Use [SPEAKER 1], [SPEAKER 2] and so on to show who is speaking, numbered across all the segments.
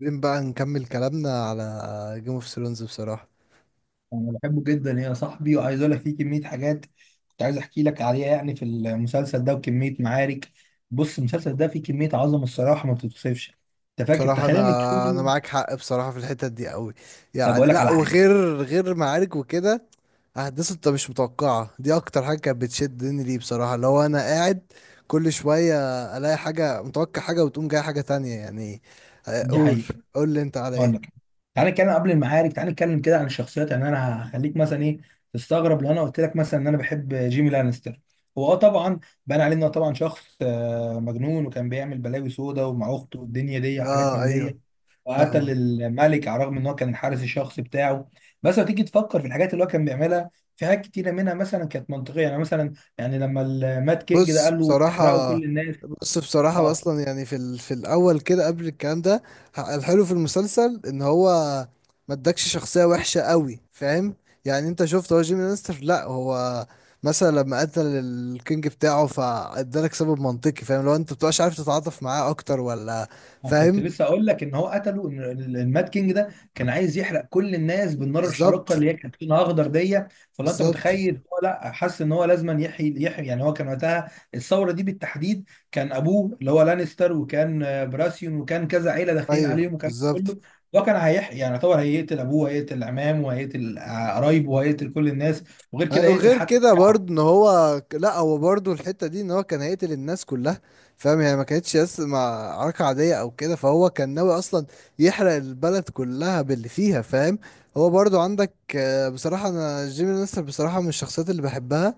[SPEAKER 1] عايزين بقى نكمل كلامنا على جيم اوف ثرونز بصراحة.
[SPEAKER 2] انا بحبه جدا يا صاحبي، وعايز اقول لك فيه كميه حاجات كنت عايز احكي لك عليها يعني في المسلسل ده وكميه معارك. بص، المسلسل ده فيه كميه عظمه الصراحه ما بتتوصفش. انت فاكر،
[SPEAKER 1] بصراحة،
[SPEAKER 2] تخيل ان
[SPEAKER 1] انا
[SPEAKER 2] كل
[SPEAKER 1] معاك حق بصراحة في الحتة دي قوي.
[SPEAKER 2] طب
[SPEAKER 1] يعني
[SPEAKER 2] بقول لك
[SPEAKER 1] لا،
[SPEAKER 2] على حاجه.
[SPEAKER 1] وغير غير معارك وكده، احداث انت مش متوقعة دي اكتر حاجة كانت بتشدني ليه بصراحة. لو انا قاعد كل شوية الاقي حاجة، متوقع حاجة وتقوم جاي حاجة تانية يعني. آه،
[SPEAKER 2] دي
[SPEAKER 1] قول.
[SPEAKER 2] حقيقه.
[SPEAKER 1] قول لي انت على
[SPEAKER 2] هقول لك.
[SPEAKER 1] ايه.
[SPEAKER 2] تعالى نتكلم قبل المعارك، تعالى نتكلم كده عن الشخصيات. يعني انا هخليك مثلا ايه تستغرب لو انا قلت لك مثلا ان انا بحب جيمي لانستر. هو اه طبعا بان عليه انه طبعا شخص مجنون، وكان بيعمل بلاوي سودا ومع اخته والدنيا دي وحاجات
[SPEAKER 1] اه،
[SPEAKER 2] من
[SPEAKER 1] ايوه.
[SPEAKER 2] دي، وقتل
[SPEAKER 1] فاهمك.
[SPEAKER 2] الملك على الرغم ان هو كان الحارس الشخصي بتاعه. بس لو تيجي تفكر في الحاجات اللي هو كان بيعملها، في حاجات كتيره منها مثلا كانت منطقيه. يعني مثلا، يعني لما المات كينج ده
[SPEAKER 1] بص،
[SPEAKER 2] قال له احرقوا
[SPEAKER 1] بصراحة.
[SPEAKER 2] كل الناس.
[SPEAKER 1] بص، بصراحة
[SPEAKER 2] آه.
[SPEAKER 1] أصلا يعني في الأول كده قبل الكلام ده. الحلو في المسلسل إن هو ما ادكش شخصية وحشة قوي، فاهم؟ يعني أنت شفت هو جيمي لانستر، لأ هو مثلا لما قتل الكينج بتاعه فادالك سبب منطقي، فاهم؟ لو أنت مبتبقاش عارف تتعاطف معاه أكتر ولا،
[SPEAKER 2] أنا كنت
[SPEAKER 1] فاهم.
[SPEAKER 2] لسه اقول لك ان هو قتله، ان المات كينج ده كان عايز يحرق كل الناس بالنار
[SPEAKER 1] بالظبط.
[SPEAKER 2] الحارقه اللي هي كانت لونها اخضر دي. فلو انت
[SPEAKER 1] بالظبط.
[SPEAKER 2] متخيل، هو لا، حس ان هو لازما يحيي يحيي. يعني هو كان وقتها الثوره دي بالتحديد كان ابوه اللي هو لانستر، وكان براسيون، وكان كذا عيله داخلين
[SPEAKER 1] أيوه،
[SPEAKER 2] عليهم، وكان
[SPEAKER 1] بالظبط.
[SPEAKER 2] كله هو كان هيحيي. يعني طبعا هيقتل ابوه، وهيقتل عمامه، وهيقتل قرايبه، وهيقتل كل الناس، وغير كده
[SPEAKER 1] أيوة،
[SPEAKER 2] هيقتل
[SPEAKER 1] وغير
[SPEAKER 2] حتى
[SPEAKER 1] كده برضه
[SPEAKER 2] الشعب.
[SPEAKER 1] ان هو لا، هو برضه الحته دي ان هو كان هيقتل الناس كلها، فاهم؟ يعني ما كانتش بس مع عركه عاديه او كده، فهو كان ناوي اصلا يحرق البلد كلها باللي فيها، فاهم؟ هو برضه عندك، بصراحه انا جيمي لانستر بصراحه من الشخصيات اللي بحبها.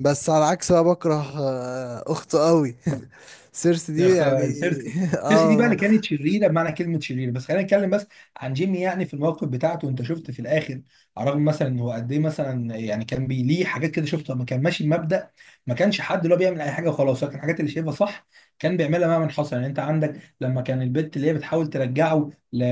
[SPEAKER 1] بس على عكس بقى بكره، اخته قوي سيرسي دي يعني.
[SPEAKER 2] سيرسي. سيرسي دي بقى
[SPEAKER 1] اه.
[SPEAKER 2] اللي كانت شريره، بمعنى كلمه شريره. بس خلينا نتكلم بس عن جيمي. يعني في الموقف بتاعته، انت شفت في الاخر، على الرغم مثلا ان هو قد ايه، مثلا يعني كان ليه حاجات كده شفتها، ما كان ماشي بمبدأ. ما كانش حد اللي هو بيعمل اي حاجه وخلاص، لكن الحاجات اللي شايفها صح كان بيعملها مهما حصل. يعني انت عندك لما كان البت اللي هي بتحاول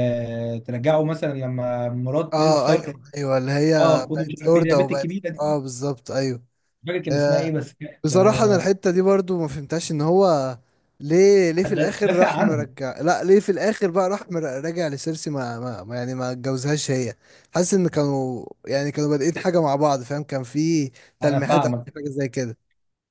[SPEAKER 2] ترجعه مثلا لما مرات نيد
[SPEAKER 1] اه،
[SPEAKER 2] ستارك.
[SPEAKER 1] ايوه، ايوه، اللي هي
[SPEAKER 2] اه خدوا، مش
[SPEAKER 1] بقت
[SPEAKER 2] عارف ايه اللي هي
[SPEAKER 1] لوردة
[SPEAKER 2] البت
[SPEAKER 1] وبقت،
[SPEAKER 2] الكبيره
[SPEAKER 1] اه،
[SPEAKER 2] دي،
[SPEAKER 1] بالظبط، ايوه.
[SPEAKER 2] مش فاكر كان اسمها ايه،
[SPEAKER 1] آه،
[SPEAKER 2] بس كانت
[SPEAKER 1] بصراحة انا
[SPEAKER 2] آه،
[SPEAKER 1] الحتة دي برضو ما فهمتهاش. ان هو ليه في الاخر
[SPEAKER 2] دافع
[SPEAKER 1] راح
[SPEAKER 2] عنها.
[SPEAKER 1] مرجع، لا ليه في الاخر بقى راح راجع لسيرسي؟ يعني ما اتجوزهاش هي. حاسس ان كانوا يعني كانوا بادئين حاجة مع بعض، فاهم؟ كان في
[SPEAKER 2] انا
[SPEAKER 1] تلميحات او في
[SPEAKER 2] فاهمك.
[SPEAKER 1] حاجة زي كده.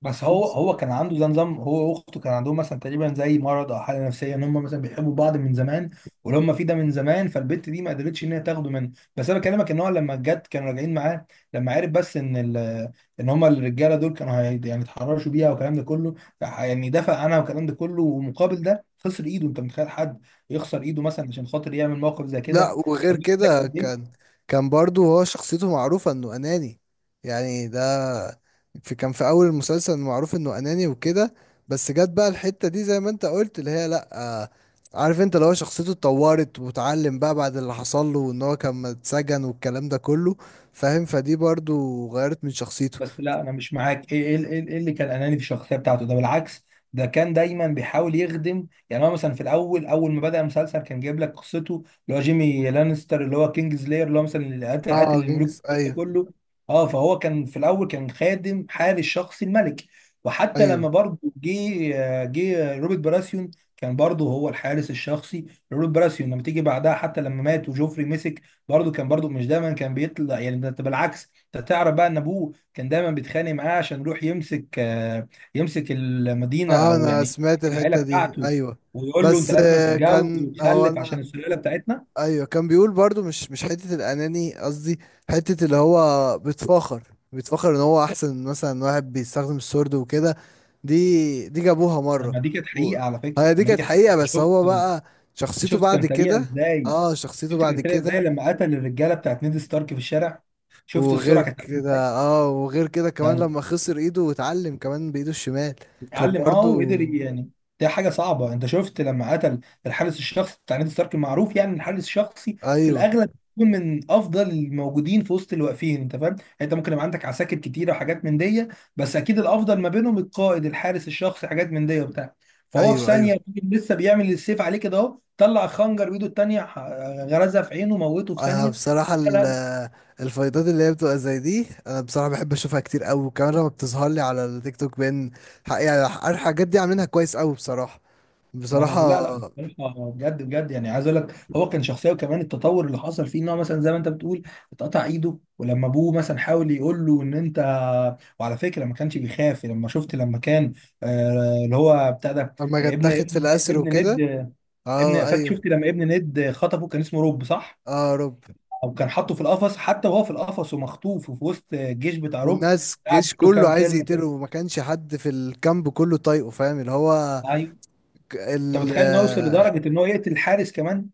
[SPEAKER 2] بس هو كان عنده ده نظام، هو واخته كان عندهم مثلا تقريبا زي مرض او حاله نفسيه، ان هم مثلا بيحبوا بعض من زمان. واللي هم فيه ده من زمان، فالبنت دي ما قدرتش ان هي تاخده منه. بس انا بكلمك ان هو لما جت كانوا راجعين معاه، لما عرف بس ان ان هم الرجاله دول كانوا يعني اتحرشوا بيها والكلام ده كله، راح يعني دفع عنها والكلام ده كله، ومقابل ده خسر ايده. انت متخيل حد يخسر ايده مثلا عشان خاطر يعمل موقف زي
[SPEAKER 1] لا،
[SPEAKER 2] كده؟
[SPEAKER 1] وغير
[SPEAKER 2] فده بيقول لك
[SPEAKER 1] كده
[SPEAKER 2] قد ايه.
[SPEAKER 1] كان برضو هو شخصيته معروفة انه اناني. يعني ده كان في اول المسلسل معروف انه اناني وكده. بس جت بقى الحتة دي زي ما انت قلت اللي هي لا عارف انت، لو شخصيته اتطورت واتعلم بقى بعد اللي حصل له وان هو كان اتسجن والكلام ده كله، فاهم؟ فدي برضو غيرت من شخصيته.
[SPEAKER 2] بس لا، انا مش معاك. ايه ايه ايه إيه اللي كان اناني في الشخصيه بتاعته؟ ده بالعكس، ده كان دايما بيحاول يخدم. يعني هو مثلا في الاول، اول ما بدا المسلسل كان جايب لك قصته اللي هو جيمي لانستر، اللي هو كينجز لاير، اللي هو مثلا اللي قاتل قاتل
[SPEAKER 1] اه،
[SPEAKER 2] الملوك
[SPEAKER 1] جنجس،
[SPEAKER 2] والكلام ده
[SPEAKER 1] ايوه.
[SPEAKER 2] كله. اه فهو كان في الاول كان خادم حارس شخصي الملك. وحتى
[SPEAKER 1] ايوه،
[SPEAKER 2] لما برضه جه جه روبرت براسيون، كان برضه هو الحارس الشخصي لروبرت براسيون. لما تيجي بعدها، حتى لما مات وجوفري مسك، برضه كان برضه مش دايما كان بيطلع. يعني ده بالعكس، انت تعرف بقى ان ابوه كان دايما بيتخانق معاه عشان يروح يمسك يمسك المدينه،
[SPEAKER 1] اه،
[SPEAKER 2] او
[SPEAKER 1] انا
[SPEAKER 2] يعني
[SPEAKER 1] سمعت
[SPEAKER 2] العائله
[SPEAKER 1] الحتة دي،
[SPEAKER 2] بتاعته،
[SPEAKER 1] ايوه.
[SPEAKER 2] ويقول له انت
[SPEAKER 1] بس
[SPEAKER 2] لازم تتجوز
[SPEAKER 1] كان هو
[SPEAKER 2] وتخلف
[SPEAKER 1] انا،
[SPEAKER 2] عشان السلاله بتاعتنا.
[SPEAKER 1] ايوه، كان بيقول برضو مش حته الاناني، قصدي حته اللي هو بيتفاخر. بيتفاخر ان هو احسن مثلا واحد بيستخدم السورد وكده. دي جابوها
[SPEAKER 2] طب
[SPEAKER 1] مره.
[SPEAKER 2] ما دي كانت
[SPEAKER 1] و...
[SPEAKER 2] حقيقه على فكره.
[SPEAKER 1] هي دي
[SPEAKER 2] طب ما دي
[SPEAKER 1] كانت
[SPEAKER 2] كانت حقيقه.
[SPEAKER 1] حقيقه،
[SPEAKER 2] انت
[SPEAKER 1] بس
[SPEAKER 2] شفت،
[SPEAKER 1] هو بقى
[SPEAKER 2] انت
[SPEAKER 1] شخصيته
[SPEAKER 2] شفت
[SPEAKER 1] بعد
[SPEAKER 2] كان سريع
[SPEAKER 1] كده.
[SPEAKER 2] ازاي.
[SPEAKER 1] اه، شخصيته
[SPEAKER 2] شفت
[SPEAKER 1] بعد
[SPEAKER 2] كان سريع ازاي
[SPEAKER 1] كده.
[SPEAKER 2] لما قتل الرجاله بتاعت نيد ستارك في الشارع. شفت السرعه كانت عاملة
[SPEAKER 1] وغير كده كمان
[SPEAKER 2] إزاي؟
[SPEAKER 1] لما خسر ايده واتعلم كمان بايده الشمال. كان
[SPEAKER 2] اتعلم اه
[SPEAKER 1] برضو.
[SPEAKER 2] وقدر يعني، ده حاجه صعبه. انت شفت لما قتل الحارس الشخصي بتاع نادي ستارك المعروف. يعني إن الحارس الشخصي في
[SPEAKER 1] ايوه،
[SPEAKER 2] الاغلب بيكون من افضل الموجودين، في وسط الواقفين. انت فاهم يعني انت ممكن يبقى عندك عساكر كتيره وحاجات من دي، بس اكيد الافضل ما بينهم القائد، الحارس الشخصي، حاجات من دي وبتاع. فهو في
[SPEAKER 1] ايوه، ايوه.
[SPEAKER 2] ثانيه يكون لسه بيعمل السيف عليه كده، اهو طلع خنجر بايده التانيه، غرزها في عينه، موته في
[SPEAKER 1] انا
[SPEAKER 2] ثانيه.
[SPEAKER 1] بصراحه الفايضات اللي هي بتبقى زي دي، انا بصراحه بحب اشوفها كتير قوي، وكمان لما بتظهر لي على التيك توك بين يعني الحاجات دي عاملينها كويس قوي بصراحه.
[SPEAKER 2] ما انا
[SPEAKER 1] بصراحه.
[SPEAKER 2] لا، لا، بصراحه، بجد بجد، يعني عايز اقول لك هو كان شخصيه. وكمان التطور اللي حصل فيه، ان هو مثلا زي ما انت بتقول اتقطع ايده. ولما ابوه مثلا حاول يقول له ان انت، وعلى فكره ما كانش بيخاف. لما شفت لما كان اللي هو بتاع ده
[SPEAKER 1] لما كانت
[SPEAKER 2] ابن
[SPEAKER 1] تاخد في
[SPEAKER 2] ابن
[SPEAKER 1] الاسر
[SPEAKER 2] ابن ند،
[SPEAKER 1] وكده.
[SPEAKER 2] ابن
[SPEAKER 1] اه،
[SPEAKER 2] فاكر. شفت
[SPEAKER 1] ايوه.
[SPEAKER 2] لما ابن ند خطفه، كان اسمه روب، صح؟
[SPEAKER 1] اه، يا رب.
[SPEAKER 2] او كان حاطه في القفص، حتى وهو في القفص ومخطوف وفي وسط الجيش بتاع روب،
[SPEAKER 1] والناس،
[SPEAKER 2] قعد
[SPEAKER 1] الجيش
[SPEAKER 2] يقول له
[SPEAKER 1] كله
[SPEAKER 2] كام
[SPEAKER 1] عايز
[SPEAKER 2] كلمه
[SPEAKER 1] يقتله،
[SPEAKER 2] كده.
[SPEAKER 1] وما كانش حد في الكامب كله طايقه، فاهم؟ اللي هو.
[SPEAKER 2] ايوه،
[SPEAKER 1] ك-
[SPEAKER 2] انت
[SPEAKER 1] ال
[SPEAKER 2] متخيل انه يوصل
[SPEAKER 1] آه
[SPEAKER 2] لدرجه ان هو يقتل الحارس كمان؟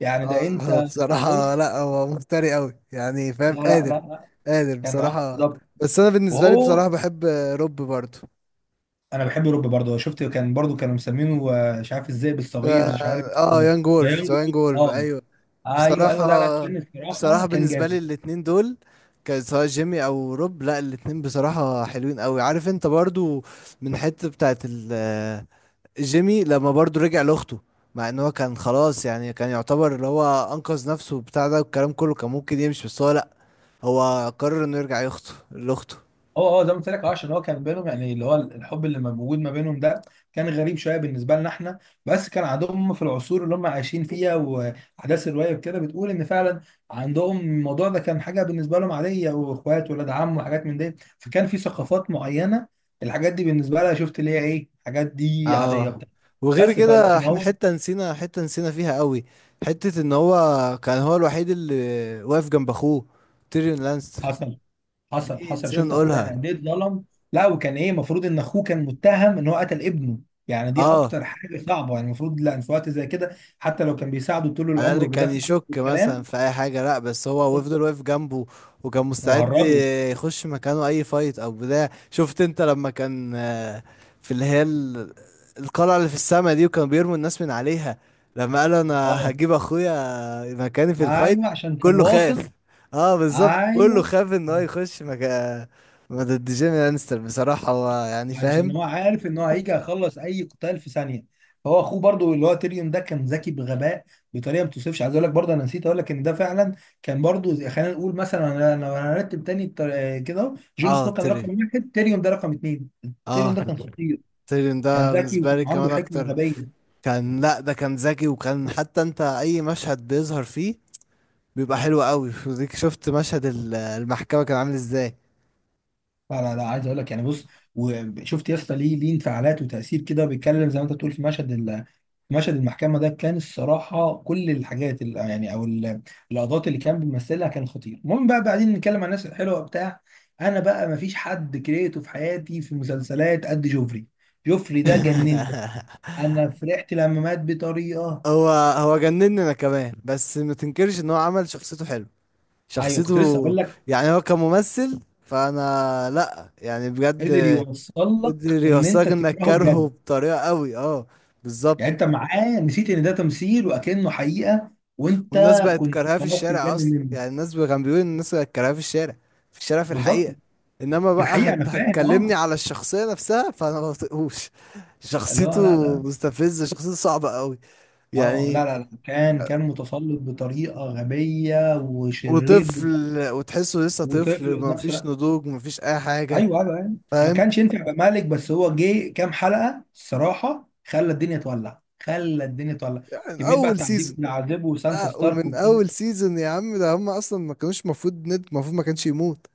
[SPEAKER 2] يعني ده انت،
[SPEAKER 1] بصراحه
[SPEAKER 2] بص،
[SPEAKER 1] لا، هو مفتري قوي يعني، فاهم؟
[SPEAKER 2] لا، لا، لا، لا،
[SPEAKER 1] قادر
[SPEAKER 2] كان اه
[SPEAKER 1] بصراحه.
[SPEAKER 2] بالظبط.
[SPEAKER 1] بس انا بالنسبه لي
[SPEAKER 2] وهو
[SPEAKER 1] بصراحه بحب روب برضه.
[SPEAKER 2] انا بحب اوروبا برضه. شفت كان برضه كانوا مسمينه مش عارف الذئب الصغير، مش عارف
[SPEAKER 1] اه،
[SPEAKER 2] آه،
[SPEAKER 1] يانج
[SPEAKER 2] لا،
[SPEAKER 1] وولف
[SPEAKER 2] ينجو.
[SPEAKER 1] ذا يانج وولف،
[SPEAKER 2] اه
[SPEAKER 1] ايوه.
[SPEAKER 2] ايوه، ايوه، لا، لا،
[SPEAKER 1] بصراحة
[SPEAKER 2] كان
[SPEAKER 1] بصراحة
[SPEAKER 2] الصراحه كان
[SPEAKER 1] بالنسبة لي
[SPEAKER 2] جامد.
[SPEAKER 1] الاتنين دول، كان سواء جيمي او روب، لا الاتنين بصراحة حلوين قوي. عارف انت برضو من حتة بتاعت جيمي لما برضو رجع لاخته. مع ان هو كان خلاص يعني، كان يعتبر اللي هو انقذ نفسه بتاع ده والكلام كله، كان ممكن يمشي، بس هو لا. هو قرر انه يرجع يخطو لاخته.
[SPEAKER 2] اه اه زي ما قلت لك، اه عشان هو كان بينهم، يعني اللي هو الحب اللي موجود ما بينهم ده كان غريب شويه بالنسبه لنا احنا. بس كان عندهم في العصور اللي هم عايشين فيها، واحداث الروايه وكده بتقول ان فعلا عندهم الموضوع ده كان حاجه بالنسبه لهم عاديه، واخوات، ولاد عم، وحاجات من دي. فكان في ثقافات معينه، الحاجات دي بالنسبه لها شفت اللي هي ايه، الحاجات دي عاديه
[SPEAKER 1] اه،
[SPEAKER 2] وبتاع.
[SPEAKER 1] وغير
[SPEAKER 2] بس
[SPEAKER 1] كده
[SPEAKER 2] فلكن
[SPEAKER 1] احنا
[SPEAKER 2] هو
[SPEAKER 1] حتة نسينا فيها قوي. حتة ان هو كان هو الوحيد اللي واقف جنب اخوه تيريون لانستر.
[SPEAKER 2] حصل. حصل،
[SPEAKER 1] دي
[SPEAKER 2] حصل.
[SPEAKER 1] نسينا
[SPEAKER 2] شفت اخوه يعني
[SPEAKER 1] نقولها.
[SPEAKER 2] قد ايه اتظلم. لا، وكان ايه، المفروض ان اخوه كان متهم ان هو قتل ابنه. يعني دي
[SPEAKER 1] اه،
[SPEAKER 2] اكتر حاجه صعبه. يعني المفروض لا في وقت زي كده حتى لو كان بيساعده طول
[SPEAKER 1] على
[SPEAKER 2] العمر
[SPEAKER 1] الأقل كان
[SPEAKER 2] وبيدافع عنه
[SPEAKER 1] يشك مثلا
[SPEAKER 2] والكلام
[SPEAKER 1] في أي حاجة، لأ بس هو وفضل واقف جنبه، وكان مستعد
[SPEAKER 2] وهربه.
[SPEAKER 1] يخش مكانه أي فايت أو بتاع. شفت أنت لما كان، في اللي هي القلعة اللي في السما دي وكانوا بيرموا الناس من عليها، لما قال أنا
[SPEAKER 2] اه
[SPEAKER 1] هجيب أخويا مكاني في الفايت.
[SPEAKER 2] ايوه، عشان كان
[SPEAKER 1] كله
[SPEAKER 2] واثق.
[SPEAKER 1] خاف. اه، بالظبط، كله
[SPEAKER 2] ايوه،
[SPEAKER 1] خاف إن هو يخش مكان ضد جيمي لانستر، بصراحة هو يعني،
[SPEAKER 2] عشان
[SPEAKER 1] فاهم.
[SPEAKER 2] هو عارف ان هو هيجي يخلص اي قتال في ثانيه. فهو اخوه برضو اللي هو تيريون ده كان ذكي بغباء، بطريقه ما توصفش. عايز اقول لك برضه انا نسيت اقول لك ان ده فعلا كان برضو خلينا نقول مثلا انا لو هنرتب تاني كده أهو، جون
[SPEAKER 1] اه،
[SPEAKER 2] سنو كان رقم 1، تيريون ده رقم 2. تيريون
[SPEAKER 1] اه
[SPEAKER 2] ده كان خطير،
[SPEAKER 1] تيري
[SPEAKER 2] كان
[SPEAKER 1] ده
[SPEAKER 2] ذكي
[SPEAKER 1] بالنسبة
[SPEAKER 2] وكان
[SPEAKER 1] لي
[SPEAKER 2] عنده
[SPEAKER 1] كمان
[SPEAKER 2] حكمه
[SPEAKER 1] أكتر.
[SPEAKER 2] غبيه.
[SPEAKER 1] كان، لا ده كان ذكي، وكان حتى انت اي مشهد بيظهر فيه بيبقى حلو قوي. وديك شفت مشهد المحكمة كان عامل ازاي.
[SPEAKER 2] لا، لا، لا، عايز اقول لك، يعني بص. وشفت يا اسطى، ليه انفعالات وتاثير كده بيتكلم زي ما انت بتقول في في مشهد المحكمه ده، كان الصراحه كل يعني او اللقطات اللي كان بيمثلها كان خطير. المهم بقى بعدين نتكلم عن الناس الحلوه بتاع انا بقى ما فيش حد كرهته في حياتي في مسلسلات قد جوفري. جوفري ده جنني. انا فرحت لما مات بطريقه.
[SPEAKER 1] هو هو جنني انا كمان، بس ما تنكرش ان هو عمل شخصيته حلو.
[SPEAKER 2] ايوه، كنت لسه
[SPEAKER 1] شخصيته.
[SPEAKER 2] اقول لك،
[SPEAKER 1] يعني هو كممثل فانا لا يعني، بجد
[SPEAKER 2] قدر يوصل لك
[SPEAKER 1] قدر
[SPEAKER 2] ان انت
[SPEAKER 1] يوصلك انك
[SPEAKER 2] تكرهه
[SPEAKER 1] كارهه
[SPEAKER 2] بجد.
[SPEAKER 1] بطريقة قوي، اه. بالظبط.
[SPEAKER 2] يعني انت معاه نسيت ان ده تمثيل وكأنه حقيقة. وانت
[SPEAKER 1] والناس بقت
[SPEAKER 2] كنت
[SPEAKER 1] كارهاه في
[SPEAKER 2] خلاص
[SPEAKER 1] الشارع
[SPEAKER 2] تتجنن
[SPEAKER 1] اصلا،
[SPEAKER 2] منه،
[SPEAKER 1] يعني كان بيقول إن الناس بقت كارهاه في الشارع. في الشارع في
[SPEAKER 2] بالظبط.
[SPEAKER 1] الحقيقة. انما
[SPEAKER 2] في
[SPEAKER 1] بقى
[SPEAKER 2] الحقيقة انا فاهم.
[SPEAKER 1] هتكلمني
[SPEAKER 2] اه
[SPEAKER 1] على الشخصية نفسها فانا ما بطيقوش
[SPEAKER 2] اللي هو
[SPEAKER 1] شخصيته.
[SPEAKER 2] لا، لا.
[SPEAKER 1] مستفزة، شخصيته صعبة قوي
[SPEAKER 2] اه
[SPEAKER 1] يعني.
[SPEAKER 2] لا لا، لا، كان متسلط بطريقة غبية وشرير
[SPEAKER 1] وطفل. وتحسه لسه
[SPEAKER 2] وطفل
[SPEAKER 1] طفل،
[SPEAKER 2] في
[SPEAKER 1] ما
[SPEAKER 2] نفس
[SPEAKER 1] فيش
[SPEAKER 2] الوقت.
[SPEAKER 1] نضوج، ما فيش اي حاجة،
[SPEAKER 2] ايوه، ايوه، ايوه. ما
[SPEAKER 1] فاهم؟
[SPEAKER 2] كانش ينفع يبقى مالك، بس هو جه كام حلقة الصراحة خلى الدنيا تولع، خلى الدنيا تولع.
[SPEAKER 1] يعني
[SPEAKER 2] كمية بقى
[SPEAKER 1] اول
[SPEAKER 2] التعذيب
[SPEAKER 1] سيزون.
[SPEAKER 2] اللي عذبه سانسا ستارك.
[SPEAKER 1] ومن اول سيزون يا عم، ده هم اصلا ما كانوش المفروض ما كانش يموت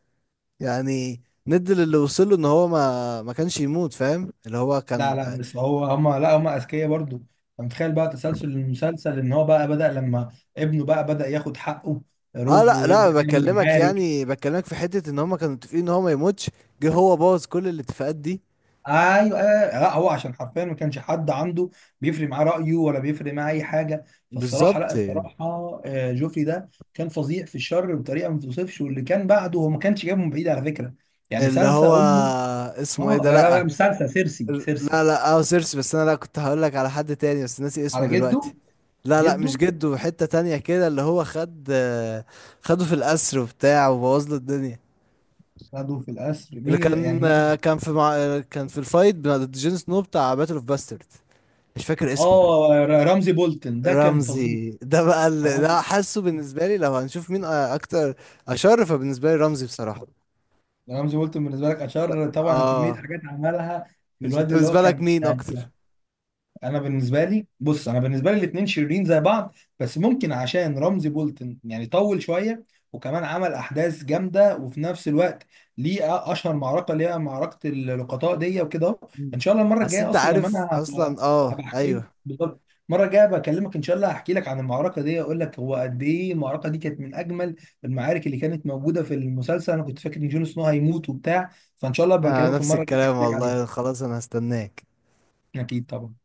[SPEAKER 1] يعني. ند اللي وصله ان هو ما كانش يموت، فاهم؟ اللي هو كان.
[SPEAKER 2] لا، لا، بس هو، هما، لا، هما اذكياء برضو. انت متخيل بقى تسلسل المسلسل ان هو بقى بدأ لما ابنه بقى بدأ ياخد حقه
[SPEAKER 1] اه،
[SPEAKER 2] رب
[SPEAKER 1] لا لا،
[SPEAKER 2] ويبدأ يعمل
[SPEAKER 1] بكلمك
[SPEAKER 2] معارك.
[SPEAKER 1] يعني، بكلمك في حتة ان هما كانوا متفقين ان هو ما يموتش. جه هو بوظ كل الاتفاقات دي.
[SPEAKER 2] ايوه، ايوه، لا هو عشان حرفيا ما كانش حد عنده بيفرق معاه رأيه، ولا بيفرق معاه اي حاجه. فالصراحه،
[SPEAKER 1] بالظبط.
[SPEAKER 2] لا الصراحه جوفري ده كان فظيع في الشر بطريقه ما توصفش. واللي كان بعده هو ما كانش جايبه من بعيد على فكره. يعني
[SPEAKER 1] اللي هو
[SPEAKER 2] سانسا امه.
[SPEAKER 1] اسمه ايه
[SPEAKER 2] اه
[SPEAKER 1] ده؟
[SPEAKER 2] لا، لا،
[SPEAKER 1] لا.
[SPEAKER 2] مش سانسا، سيرسي. سيرسي
[SPEAKER 1] لا لا، اه، سيرسي، بس انا لا كنت هقول لك على حد تاني، بس ناسي اسمه
[SPEAKER 2] على
[SPEAKER 1] دلوقتي.
[SPEAKER 2] جده.
[SPEAKER 1] لا لا، مش
[SPEAKER 2] جده
[SPEAKER 1] جده، حتة تانية كده اللي هو خد آه، خده في القصر وبتاع، وبوظ له الدنيا.
[SPEAKER 2] خدوا في القصر.
[SPEAKER 1] اللي
[SPEAKER 2] مين اللي
[SPEAKER 1] كان
[SPEAKER 2] يعني
[SPEAKER 1] آه،
[SPEAKER 2] مين؟
[SPEAKER 1] كان في مع... آه، كان في الفايت ضد جون سنو، بتاع باتل اوف باسترد. مش فاكر اسمه.
[SPEAKER 2] اه رمزي بولتن ده كان فظيع.
[SPEAKER 1] رمزي ده بقى اللي،
[SPEAKER 2] رمزي.
[SPEAKER 1] ده حاسه بالنسبة لي لو هنشوف مين أكتر أشر، فبالنسبة لي رمزي بصراحة.
[SPEAKER 2] رمزي بولتن بالنسبه لك اشار طبعا، كميه
[SPEAKER 1] اه.
[SPEAKER 2] حاجات عملها. في
[SPEAKER 1] مش
[SPEAKER 2] الواد
[SPEAKER 1] أنت
[SPEAKER 2] اللي هو
[SPEAKER 1] بالنسبة لك
[SPEAKER 2] كان،
[SPEAKER 1] مين أكتر؟
[SPEAKER 2] انا بالنسبه لي بص، انا بالنسبه لي الاثنين شريرين زي بعض، بس ممكن عشان رمزي بولتن يعني طول شويه وكمان عمل احداث جامده. وفي نفس الوقت ليه اشهر معركه اللي هي معركه اللقطاء دي وكده أهو.
[SPEAKER 1] مم.
[SPEAKER 2] ان شاء الله المره
[SPEAKER 1] حاسس
[SPEAKER 2] الجايه
[SPEAKER 1] أنت
[SPEAKER 2] اصلا لما
[SPEAKER 1] عارف
[SPEAKER 2] انا هبقى،
[SPEAKER 1] أصلا، اه،
[SPEAKER 2] هبقى احكي لك
[SPEAKER 1] أيوه.
[SPEAKER 2] بالظبط. المره الجايه بكلمك ان شاء الله هحكي لك عن المعركه دي، اقول لك هو قد ايه المعركه دي كانت من اجمل المعارك اللي كانت موجوده في المسلسل. انا كنت فاكر ان جون سنو هيموت وبتاع. فان شاء الله
[SPEAKER 1] آه،
[SPEAKER 2] بكلمك
[SPEAKER 1] نفس
[SPEAKER 2] المره الجايه
[SPEAKER 1] الكلام
[SPEAKER 2] احكي لك عليها.
[SPEAKER 1] والله، خلاص أنا هستناك.
[SPEAKER 2] اكيد طبعا.